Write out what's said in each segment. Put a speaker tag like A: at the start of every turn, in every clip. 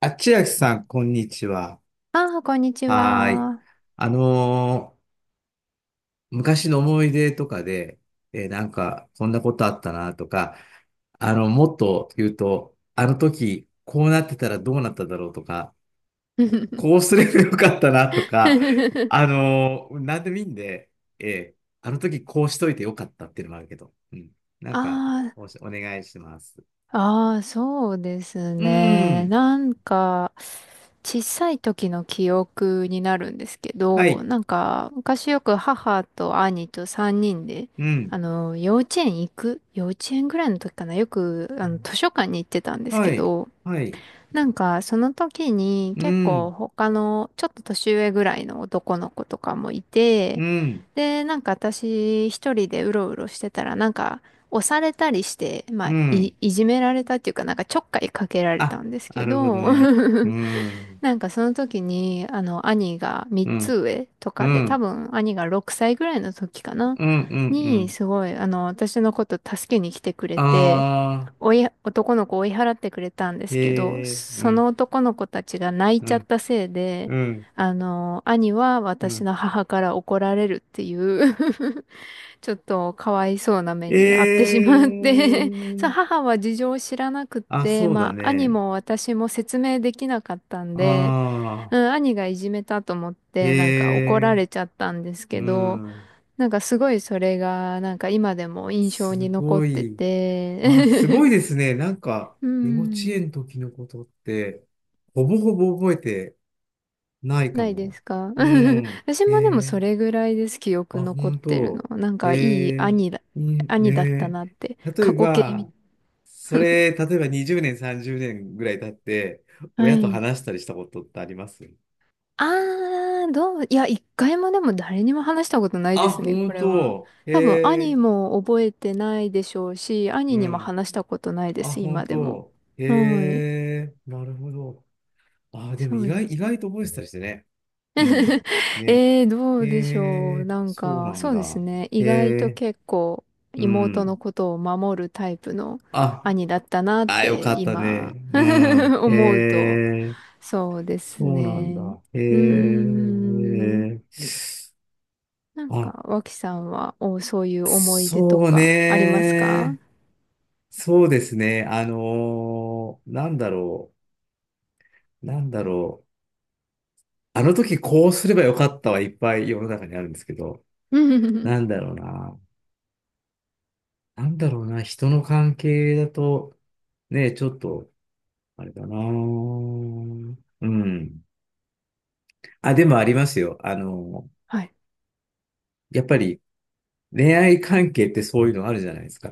A: あ、千秋さん、こんにちは。
B: ああ、こんにち
A: はーい。
B: は。
A: あのー昔の思い出とかで、なんか、こんなことあったなとか、あの、もっと言うと、あの時、こうなってたらどうなっただろうとか、こうすればよかったなとか、なんでもいいんで、あの時こうしといてよかったっていうのもあるけど、うん。なんか、
B: あ
A: お願いします。
B: あ、ああ、そうです
A: う
B: ね。
A: ん。
B: なんか、小さい時の記憶になるんですけ
A: は
B: ど、
A: い。
B: なんか、昔よく母と兄と3人で、
A: うん。
B: あの、幼稚園ぐらいの時かな、よく、あの、図書館に行ってたんです
A: は
B: け
A: い。
B: ど、
A: はい。
B: なんか、その時に
A: う
B: 結構
A: ん。
B: 他のちょっと年上ぐらいの男の子とかもいて、
A: うん。
B: で、なんか私一人でうろうろしてたら、なんか押されたりして、まあ、
A: うん。
B: いじめられたっていうか、なんかちょっかいかけられた
A: あ、
B: んですけ
A: なるほど
B: ど、
A: ね。う ん。
B: なんかその時に、あの、兄が3
A: う
B: つ
A: ん。
B: 上と
A: う
B: かで、多
A: ん。
B: 分兄が6歳ぐらいの時かな、
A: うん。うん。う
B: に、
A: ん。
B: すごい、あの、私のこと助けに来てくれて、
A: あ
B: 男の子を追い払ってくれたんで
A: ー。
B: すけど、
A: へえー。う
B: そ
A: ん。
B: の男の子たちが泣い
A: う
B: ちゃっ
A: ん。
B: たせいで、
A: うん。
B: あの、兄は
A: う
B: 私
A: ん
B: の母から怒られるっていう ちょっとかわいそうな目
A: え
B: に遭ってしまって そう、
A: ー。
B: 母は事情を知らなくっ
A: あ、
B: て、
A: そうだ
B: まあ、兄
A: ね。
B: も私も説明できなかったんで、
A: あ
B: うん、兄がいじめたと思っ
A: ー。
B: て、なんか怒
A: へ
B: ら
A: え
B: れちゃったんです
A: ー。う
B: けど、
A: ん。
B: なんかすごいそれが、なんか今でも印象
A: す
B: に残っ
A: ご
B: て
A: い。あ、すごい
B: て、
A: ですね。なんか、
B: う
A: 幼稚
B: ん、
A: 園の時のことって、ほぼほぼ覚えてないか
B: ないで
A: も。
B: すか？
A: うん。
B: 私
A: え
B: もでもそ
A: ー。
B: れぐらいです、記
A: あ、
B: 憶残っ
A: 本
B: てるの。
A: 当。
B: なん
A: え
B: かいい
A: え、
B: 兄だ、
A: いい
B: 兄だった
A: ね。
B: なって、
A: 例え
B: 過去形
A: ば、
B: み、
A: それ、例えば20年、30年ぐらい経って、
B: は
A: 親と
B: い。
A: 話したりしたことってあります？
B: いや、一回もでも誰にも話したことないで
A: あ、
B: すね、こ
A: 本
B: れは。
A: 当。え
B: 多分、兄
A: え、
B: も覚えてないでしょうし、兄
A: う
B: にも
A: ん。
B: 話したことないで
A: あ、
B: す、
A: 本
B: 今でも。
A: 当。え
B: はい。
A: え、なるほど。あ、でも
B: そ
A: 意
B: う
A: 外、
B: で
A: 意
B: す。
A: 外と覚えてたりしてね。うん。ね。
B: ど
A: え
B: うでしょう。
A: え、
B: なん
A: そう
B: か、
A: なん
B: そうです
A: だ。
B: ね。意
A: え
B: 外と
A: え、
B: 結構、
A: う
B: 妹
A: ん。
B: のことを守るタイプの
A: あ、
B: 兄だったなっ
A: あ、よ
B: て、
A: かった
B: 今、
A: ね。う ん。え
B: 思うと。
A: え。
B: そうです
A: そうなんだ。
B: ね。
A: へ
B: うーん。
A: え。
B: なん
A: あ、
B: か、脇さんは、そういう思い出と
A: そう
B: かありますか？
A: ね。そうですね。なんだろう。なんだろう。あの時こうすればよかったはいっぱい世の中にあるんですけど、
B: うんうんうん
A: なんだろうな。なんだろうな。人の関係だと、ね、ちょっと、あれだな。うん。あ、でもありますよ。
B: はい。
A: やっぱり恋愛関係ってそういうのあるじゃないですか。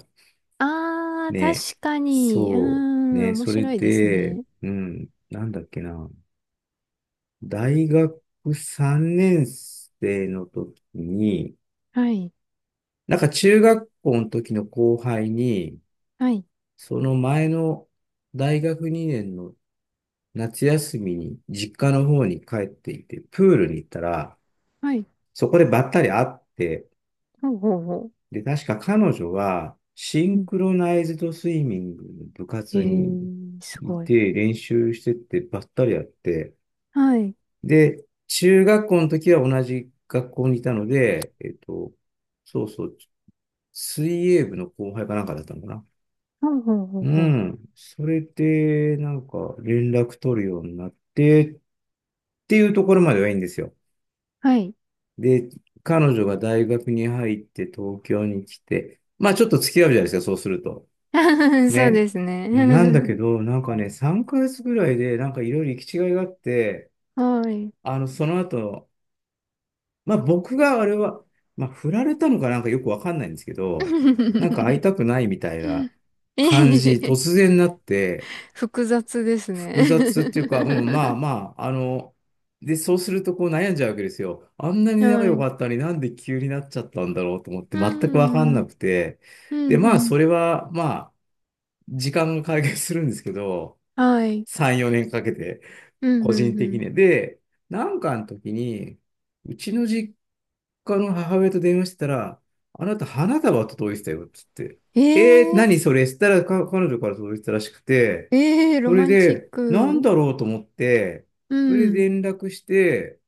B: あー、
A: ね、
B: 確かに。うー
A: そう
B: ん、
A: ね、
B: 面
A: それ
B: 白いです
A: で、
B: ね。
A: うん、なんだっけな、大学3年生の時に、
B: はい。
A: なんか中学校の時の後輩に、
B: はい。
A: その前の大学2年の夏休みに実家の方に帰っていて、プールに行ったら、
B: はい。
A: そこでばったり会って、
B: ほうほうほ
A: で、確か彼女は、シ
B: う。
A: ン
B: うん。
A: クロナイズドスイミングの部
B: へ
A: 活に
B: ー、す
A: い
B: ごい。
A: て、練習してってばったりやって、
B: はい。
A: で、中学校の時は同じ学校にいたので、そうそう、水泳部の後輩かなんかだったのかな。
B: ほうほうほう
A: う
B: ほう。
A: ん。それで、なんか、連絡取るようになって、っていうところまではいいんですよ。
B: はい。
A: で、彼女が大学に入って東京に来て、まあちょっと付き合うじゃないですか、そうすると。
B: そう
A: ね。
B: です
A: なんだ
B: ね。
A: けど、なんかね、3ヶ月ぐらいで、なんかいろいろ行き違いがあって、
B: はい。
A: その後、まあ僕があれは、まあ振られたのかなんかよくわかんないんですけど、なんか会い たくないみたいな
B: え
A: 感
B: へ
A: じ、突
B: へ
A: 然なって、
B: 複雑ですね。
A: 複雑っていうか、うん、まあ まあ、で、そうするとこう悩んじゃうわけですよ。あんなに仲
B: は
A: 良
B: い。
A: かったのになんで急になっちゃったんだろうと思って、
B: う
A: 全くわかんな
B: ん。
A: くて、
B: う
A: で、
B: ん、
A: ま
B: う
A: あ
B: ん。
A: それは、まあ、時間が解決するんですけど、
B: はい。
A: 3、4年かけて、
B: うん
A: 個
B: う
A: 人
B: んう
A: 的
B: ん。
A: に。で、なんかの時に、うちの実家の母親と電話してたら、あなた花束届いてたよって言っ
B: え
A: て、えー、
B: え
A: 何それしたらか彼女から届いてたらしくて、
B: ええロ
A: それ
B: マンチッ
A: で、なん
B: ク。
A: だろうと思って、
B: う
A: それ
B: ん、
A: で連絡して、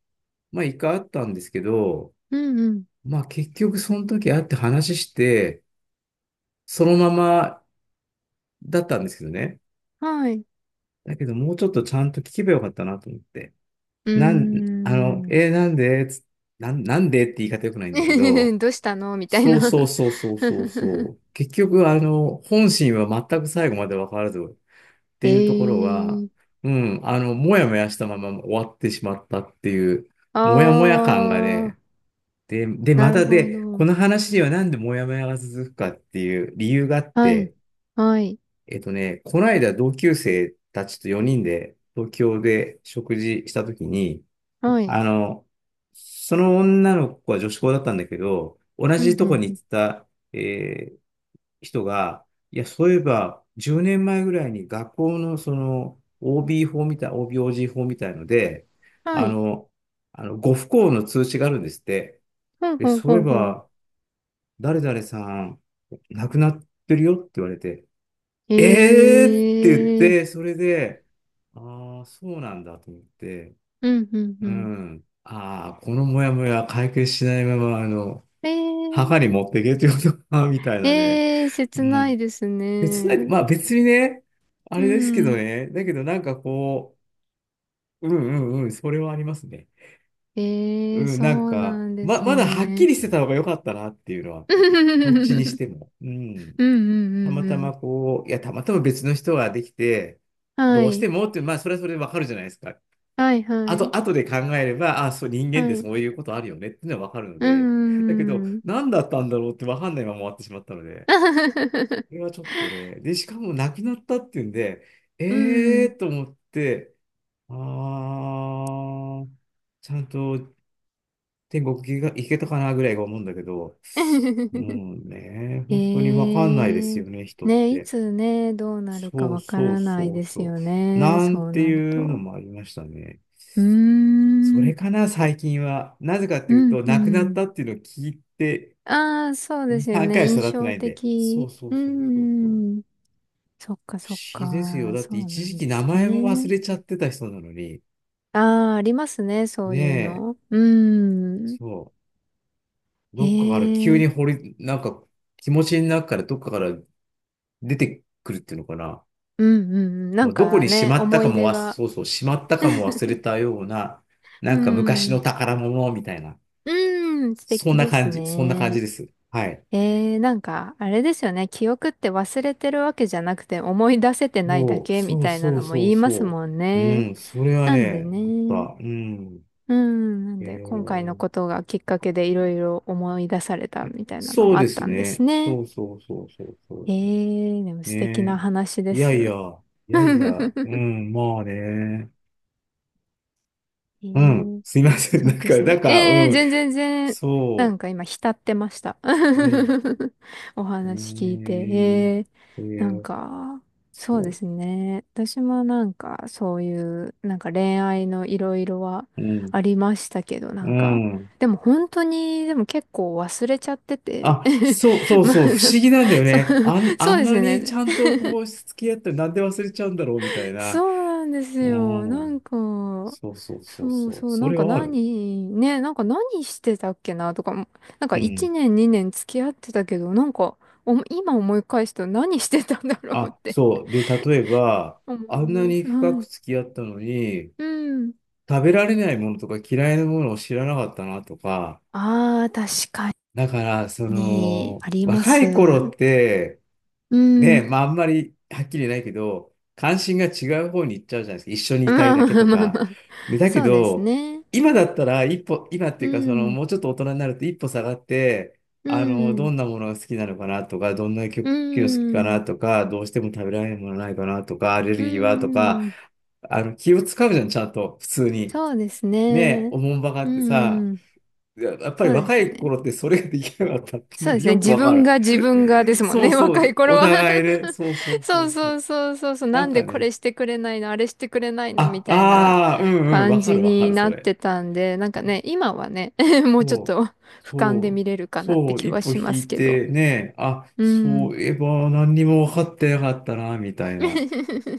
A: まあ一回会ったんですけど、
B: うんうん。
A: まあ結局その時会って話して、そのままだったんですけどね。
B: はい。
A: だけどもうちょっとちゃんと聞けばよかったなと思って。
B: う
A: なん、あの、
B: ーん。
A: えーなんでつなん、なんでって言い方良くないんだけど、
B: どうしたのみたい
A: そう
B: な
A: そうそうそうそうそう。結局、本心は全く最後まで分からずっていうところは、
B: ええ
A: うん、もやもやしたまま終わってしまったっていう、
B: あ
A: もやもや感が
B: あー、
A: ね、で、
B: な
A: ま
B: る
A: た
B: ほ
A: こ
B: ど。
A: の話にはなんでもやもやが続くかっていう理由があっ
B: はい、
A: て、
B: はい、
A: この間同級生たちと4人で東京で食事したときに、
B: はい。
A: あの、その女の子は女子校だったんだけど、同
B: うんう
A: じとこ
B: ん
A: に
B: うん。
A: 行ってた、えー人が、いや、そういえば、10年前ぐらいに学校のその OB 法みたい、OB/OG 法みたいので、
B: は
A: あ
B: い。
A: の、ご不幸の通知があるんですって。
B: ほう
A: で、
B: ほう
A: そう
B: ほ
A: いえ
B: うほう。
A: ば、誰々さん、亡くなってるよって言われて、えーって言っ
B: え
A: て、
B: え
A: それで、ああ、そうなんだと思って、
B: うんうんう
A: う
B: ん。
A: ん。ああ、このモヤモヤ解決しないまま、
B: え
A: 墓に持っ
B: え
A: ていけということか、みたいなね。
B: ええ
A: う
B: 切ない
A: ん。
B: ですね。
A: まあ別にね、あ
B: う
A: れですけど
B: ん。
A: ね、だけどなんかこう、うんうんうん、それはありますね。
B: ええ
A: うん、
B: そ
A: なん
B: う
A: か、
B: なんで
A: ま、
B: す
A: まだはっき
B: ね。
A: りしてた方が良かったなっていうのは、
B: うんう
A: どっちにしても。うん。
B: んう
A: た
B: ん
A: ま
B: う
A: た
B: ん。
A: まこう、いや、たまたま別の人ができて、
B: は
A: どうして
B: い。
A: もって、まあそれはそれでわかるじゃないですか。
B: はいは
A: あ
B: い。
A: と、後で考えれば、あ、そう、人間っ
B: は
A: て
B: い。
A: そういうことあるよねっていうのはわかるの
B: う
A: で、だけど、
B: ん。うん。
A: 何だったんだろうってわかんないまま終わってしまったので、これはちょっとね、で、しかも亡くなったっていうんで、
B: う
A: え
B: ん。
A: ーと思って、あー、ちゃんと天国行けたかなぐらいが思うんだけど、う んね、本当にわ
B: え
A: かんないです
B: えー。
A: よね、人っ
B: ね、い
A: て。
B: つね、どうなるか
A: そう
B: わか
A: そう
B: らない
A: そう
B: です
A: そ
B: よ
A: う。
B: ね。
A: なん
B: そう
A: て
B: なる
A: いうの
B: と。
A: もありましたね。
B: うー
A: そ
B: ん。
A: れかな、最近は。なぜかって
B: う
A: いう
B: ん、
A: と、
B: う
A: 亡くなった
B: ん。
A: っていうのを聞いて、
B: ああ、そうで
A: 2、
B: すよ
A: 3
B: ね。
A: 回しか経
B: 印
A: ってな
B: 象
A: いんで。そう
B: 的。
A: そ
B: う
A: う
B: ー
A: そうそうそう。
B: ん。そっか
A: 不
B: そっ
A: 思議ですよ。
B: か。
A: だっ
B: そ
A: て
B: う
A: 一
B: な
A: 時
B: ん
A: 期
B: で
A: 名
B: す
A: 前も忘
B: ね。
A: れちゃってた人なのに、
B: ああ、ありますね。そ
A: ね
B: ういう
A: え、
B: の。うーん。
A: そう、
B: へ
A: どっかから
B: え、
A: 急
B: う
A: に
B: ん
A: なんか気持ちの中からどっかから出てくるっていうのかな。
B: うんうん。な
A: も
B: ん
A: うどこ
B: か
A: にし
B: ね、
A: まった
B: 思
A: か
B: い
A: も
B: 出
A: わ、
B: が。
A: そうそう、しまったかも忘れたような、な
B: う
A: んか昔の
B: ん。
A: 宝物みたいな、
B: うん、素
A: そん
B: 敵
A: な
B: です
A: 感じ、そんな感じ
B: ね。
A: です。はい。
B: なんか、あれですよね。記憶って忘れてるわけじゃなくて思い出せてないだ
A: そう、
B: けみ
A: そう
B: たいな
A: そう
B: のも
A: そ
B: 言
A: う
B: います
A: そ
B: もん
A: う。
B: ね。
A: うん、それは
B: なんで
A: ね、思
B: ね。
A: った。うん。
B: うん。なん
A: え
B: で、今回の
A: ー、
B: ことがきっかけでいろいろ思い出されたみたいなの
A: そ
B: も
A: う
B: あ
A: で
B: っ
A: す
B: たんです
A: ね。
B: ね。
A: そうそうそうそうそうそ
B: でも
A: う。ね
B: 素敵な話で
A: え。いやいや、
B: す。
A: い やいや、
B: え
A: うん、まあね。うん、
B: ー
A: すいません。
B: そ
A: なん
B: うで
A: か、
B: す
A: なん
B: ね。
A: か、う
B: ええー、
A: ん、
B: 全然全然、なん
A: そ
B: か今浸ってました。
A: う、うん、
B: お話聞いて。
A: ね
B: ええ
A: え、
B: ー、なん
A: ー、
B: か、そう
A: そ
B: で
A: う、
B: すね。私もなんか、そういう、なんか恋愛のいろいろは
A: うん、
B: ありましたけど、な
A: う
B: んか、
A: ん。
B: でも本当に、でも結構忘れちゃってて。
A: あ、そうそ う
B: まあ、
A: そう、不思議なんだよ
B: そう、
A: ね。あん、あ
B: そう
A: ん
B: で
A: な
B: す
A: にち
B: ね。
A: ゃんとこう、付き合ってなんで忘れちゃうんだろうみたいな。
B: そうなんです
A: う
B: よ。な
A: ん。
B: んか、
A: そうそうそう
B: そう
A: そう。
B: そう、
A: そ
B: なん
A: れ
B: か
A: はある。
B: 何、ね、なんか何してたっけなとかも、なん
A: う
B: か1
A: ん。
B: 年2年付き合ってたけど、なんか、今思い返すと何してたんだろうっ
A: あ、
B: て
A: そう。で、例えば、
B: 思
A: あ
B: い
A: んな
B: ま
A: に
B: す。は
A: 深く
B: い。
A: 付き合ったのに、
B: うん。
A: 食べられないものとか嫌いなものを知らなかったなとか、
B: ああ、確か
A: だから、
B: に、ありま
A: 若い頃っ
B: す。
A: て、
B: う
A: ねえ、
B: ん。
A: まああんまりはっきり言えないけど、関心が違う方に行っちゃうじゃないですか。一緒にいたい
B: まあ
A: だ
B: ま
A: け
B: あ
A: と
B: まあ
A: か。
B: まあ。
A: でだけ
B: そうです
A: ど、
B: ね。
A: 今だったら一歩、今っ
B: う
A: ていうか、
B: ん。
A: もうちょっと大人になると一歩下がって、
B: う
A: ど
B: ん。
A: んなものが好きなのかなとか、どんな
B: う
A: 曲が好きかな
B: ん。
A: とか、どうしても食べられるものないかなとか、アレル
B: う
A: ギーはとか、
B: ん。うん
A: 気を使うじゃん、ちゃんと、普通に。
B: そうです
A: ねえ、
B: ね。
A: おもんばか
B: う
A: ってさ、
B: ん。
A: いや、やっぱり
B: そうで
A: 若
B: す
A: い
B: ね。
A: 頃ってそれができなかったっていう
B: そ
A: の
B: う
A: は
B: ですね。
A: よく
B: 自
A: わか
B: 分
A: る。
B: が自分がで すもん
A: そう
B: ね。
A: そ
B: 若い
A: う、
B: 頃
A: お
B: は
A: 互いね。そうそ うそ
B: そ
A: う
B: う
A: そ
B: そ
A: う。
B: うそうそうそう。
A: な
B: な
A: ん
B: んで
A: か
B: こ
A: ね、
B: れしてくれないの、あれしてくれないのみ
A: あ、
B: たいな
A: ああ、うんうん、
B: 感
A: わか
B: じ
A: るわか
B: に
A: る、そ
B: なっ
A: れ。
B: てたんで、なんかね、今はね、もうちょっ
A: そう、
B: と俯瞰で
A: そう、
B: 見れるかなって
A: そう、
B: 気
A: 一
B: は
A: 歩
B: しま
A: 引
B: す
A: い
B: けど。
A: てね、あ、
B: う
A: そ
B: ん。
A: ういえば何にも分かってなかったな、みたいな。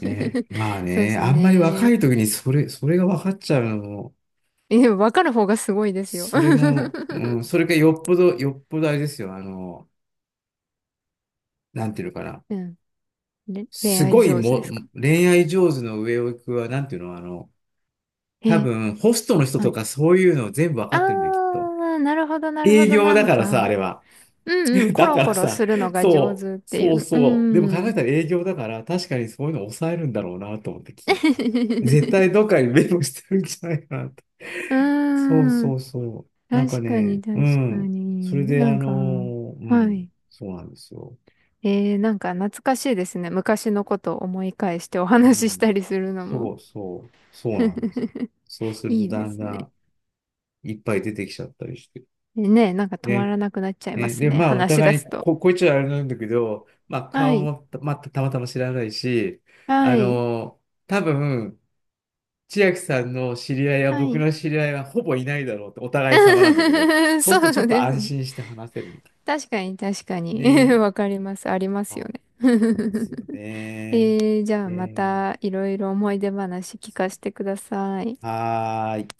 A: ね、まあ
B: そうで
A: ね、
B: す
A: あんまり若
B: ね。
A: い時にそれが分かっちゃうのも、
B: え、わかる方がすごいですよ。
A: それも、うん、それがよっぽど、よっぽどあれですよ、なんていうのかな。
B: うん。恋
A: す
B: 愛
A: ごい
B: 上手で
A: も、
B: すか？
A: 恋愛上手の上を行くは、なんていうの、多
B: え、
A: 分、ホストの人
B: は
A: と
B: い。
A: かそういうの全部わかってるんだよ、きっと。
B: なるほど、なるほ
A: 営
B: ど、
A: 業
B: な
A: だ
B: ん
A: からさ、あ
B: か。
A: れは。
B: うんうん、コ
A: だ
B: ロ
A: から
B: コロ
A: さ、
B: するのが上
A: そう、
B: 手ってい
A: そう
B: う。う
A: そう。でも考え
B: ん。
A: たら営業だから、確かにそういうの抑えるんだろうなと思って聞いて。絶対 どっかにメモしてるんじゃないかなと。そう
B: うん。
A: そうそう。なんか
B: 確かに、
A: ね、
B: 確
A: う
B: か
A: ん。それ
B: に。
A: で、
B: なんか、
A: う
B: は
A: ん、
B: い。
A: そうなんですよ。
B: なんか懐かしいですね。昔のことを思い返してお
A: う
B: 話しし
A: ん、
B: たりするのも。
A: そうそう、そうなんです。そうする
B: い
A: と
B: い
A: だ
B: で
A: ん
B: す
A: だ
B: ね。
A: ん、いっぱい出てきちゃったりして。
B: ねえ、なんか止ま
A: で、
B: らなくなっちゃいま
A: ね、
B: す
A: で、
B: ね。
A: まあ、お
B: 話し出
A: 互いに、
B: すと。
A: こいつはあれなんだけど、まあ、
B: は
A: 顔
B: い。
A: もた、まあ、たまたま知らないし、あ
B: はい。
A: の、多分、千秋さんの知り合いや
B: は
A: 僕
B: い。
A: の知り合いはほぼいないだろうってお互い様なんだけど、そうする
B: そ
A: とちょ
B: う
A: っと
B: です
A: 安
B: ね。
A: 心して話せるみたい。
B: 確かに、確かに。
A: ね。
B: わかります。ありますよ
A: そ
B: ね。
A: うですよ ね。
B: じゃ
A: え
B: あま
A: ー
B: たいろいろ思い出話聞かせてください。
A: はーい。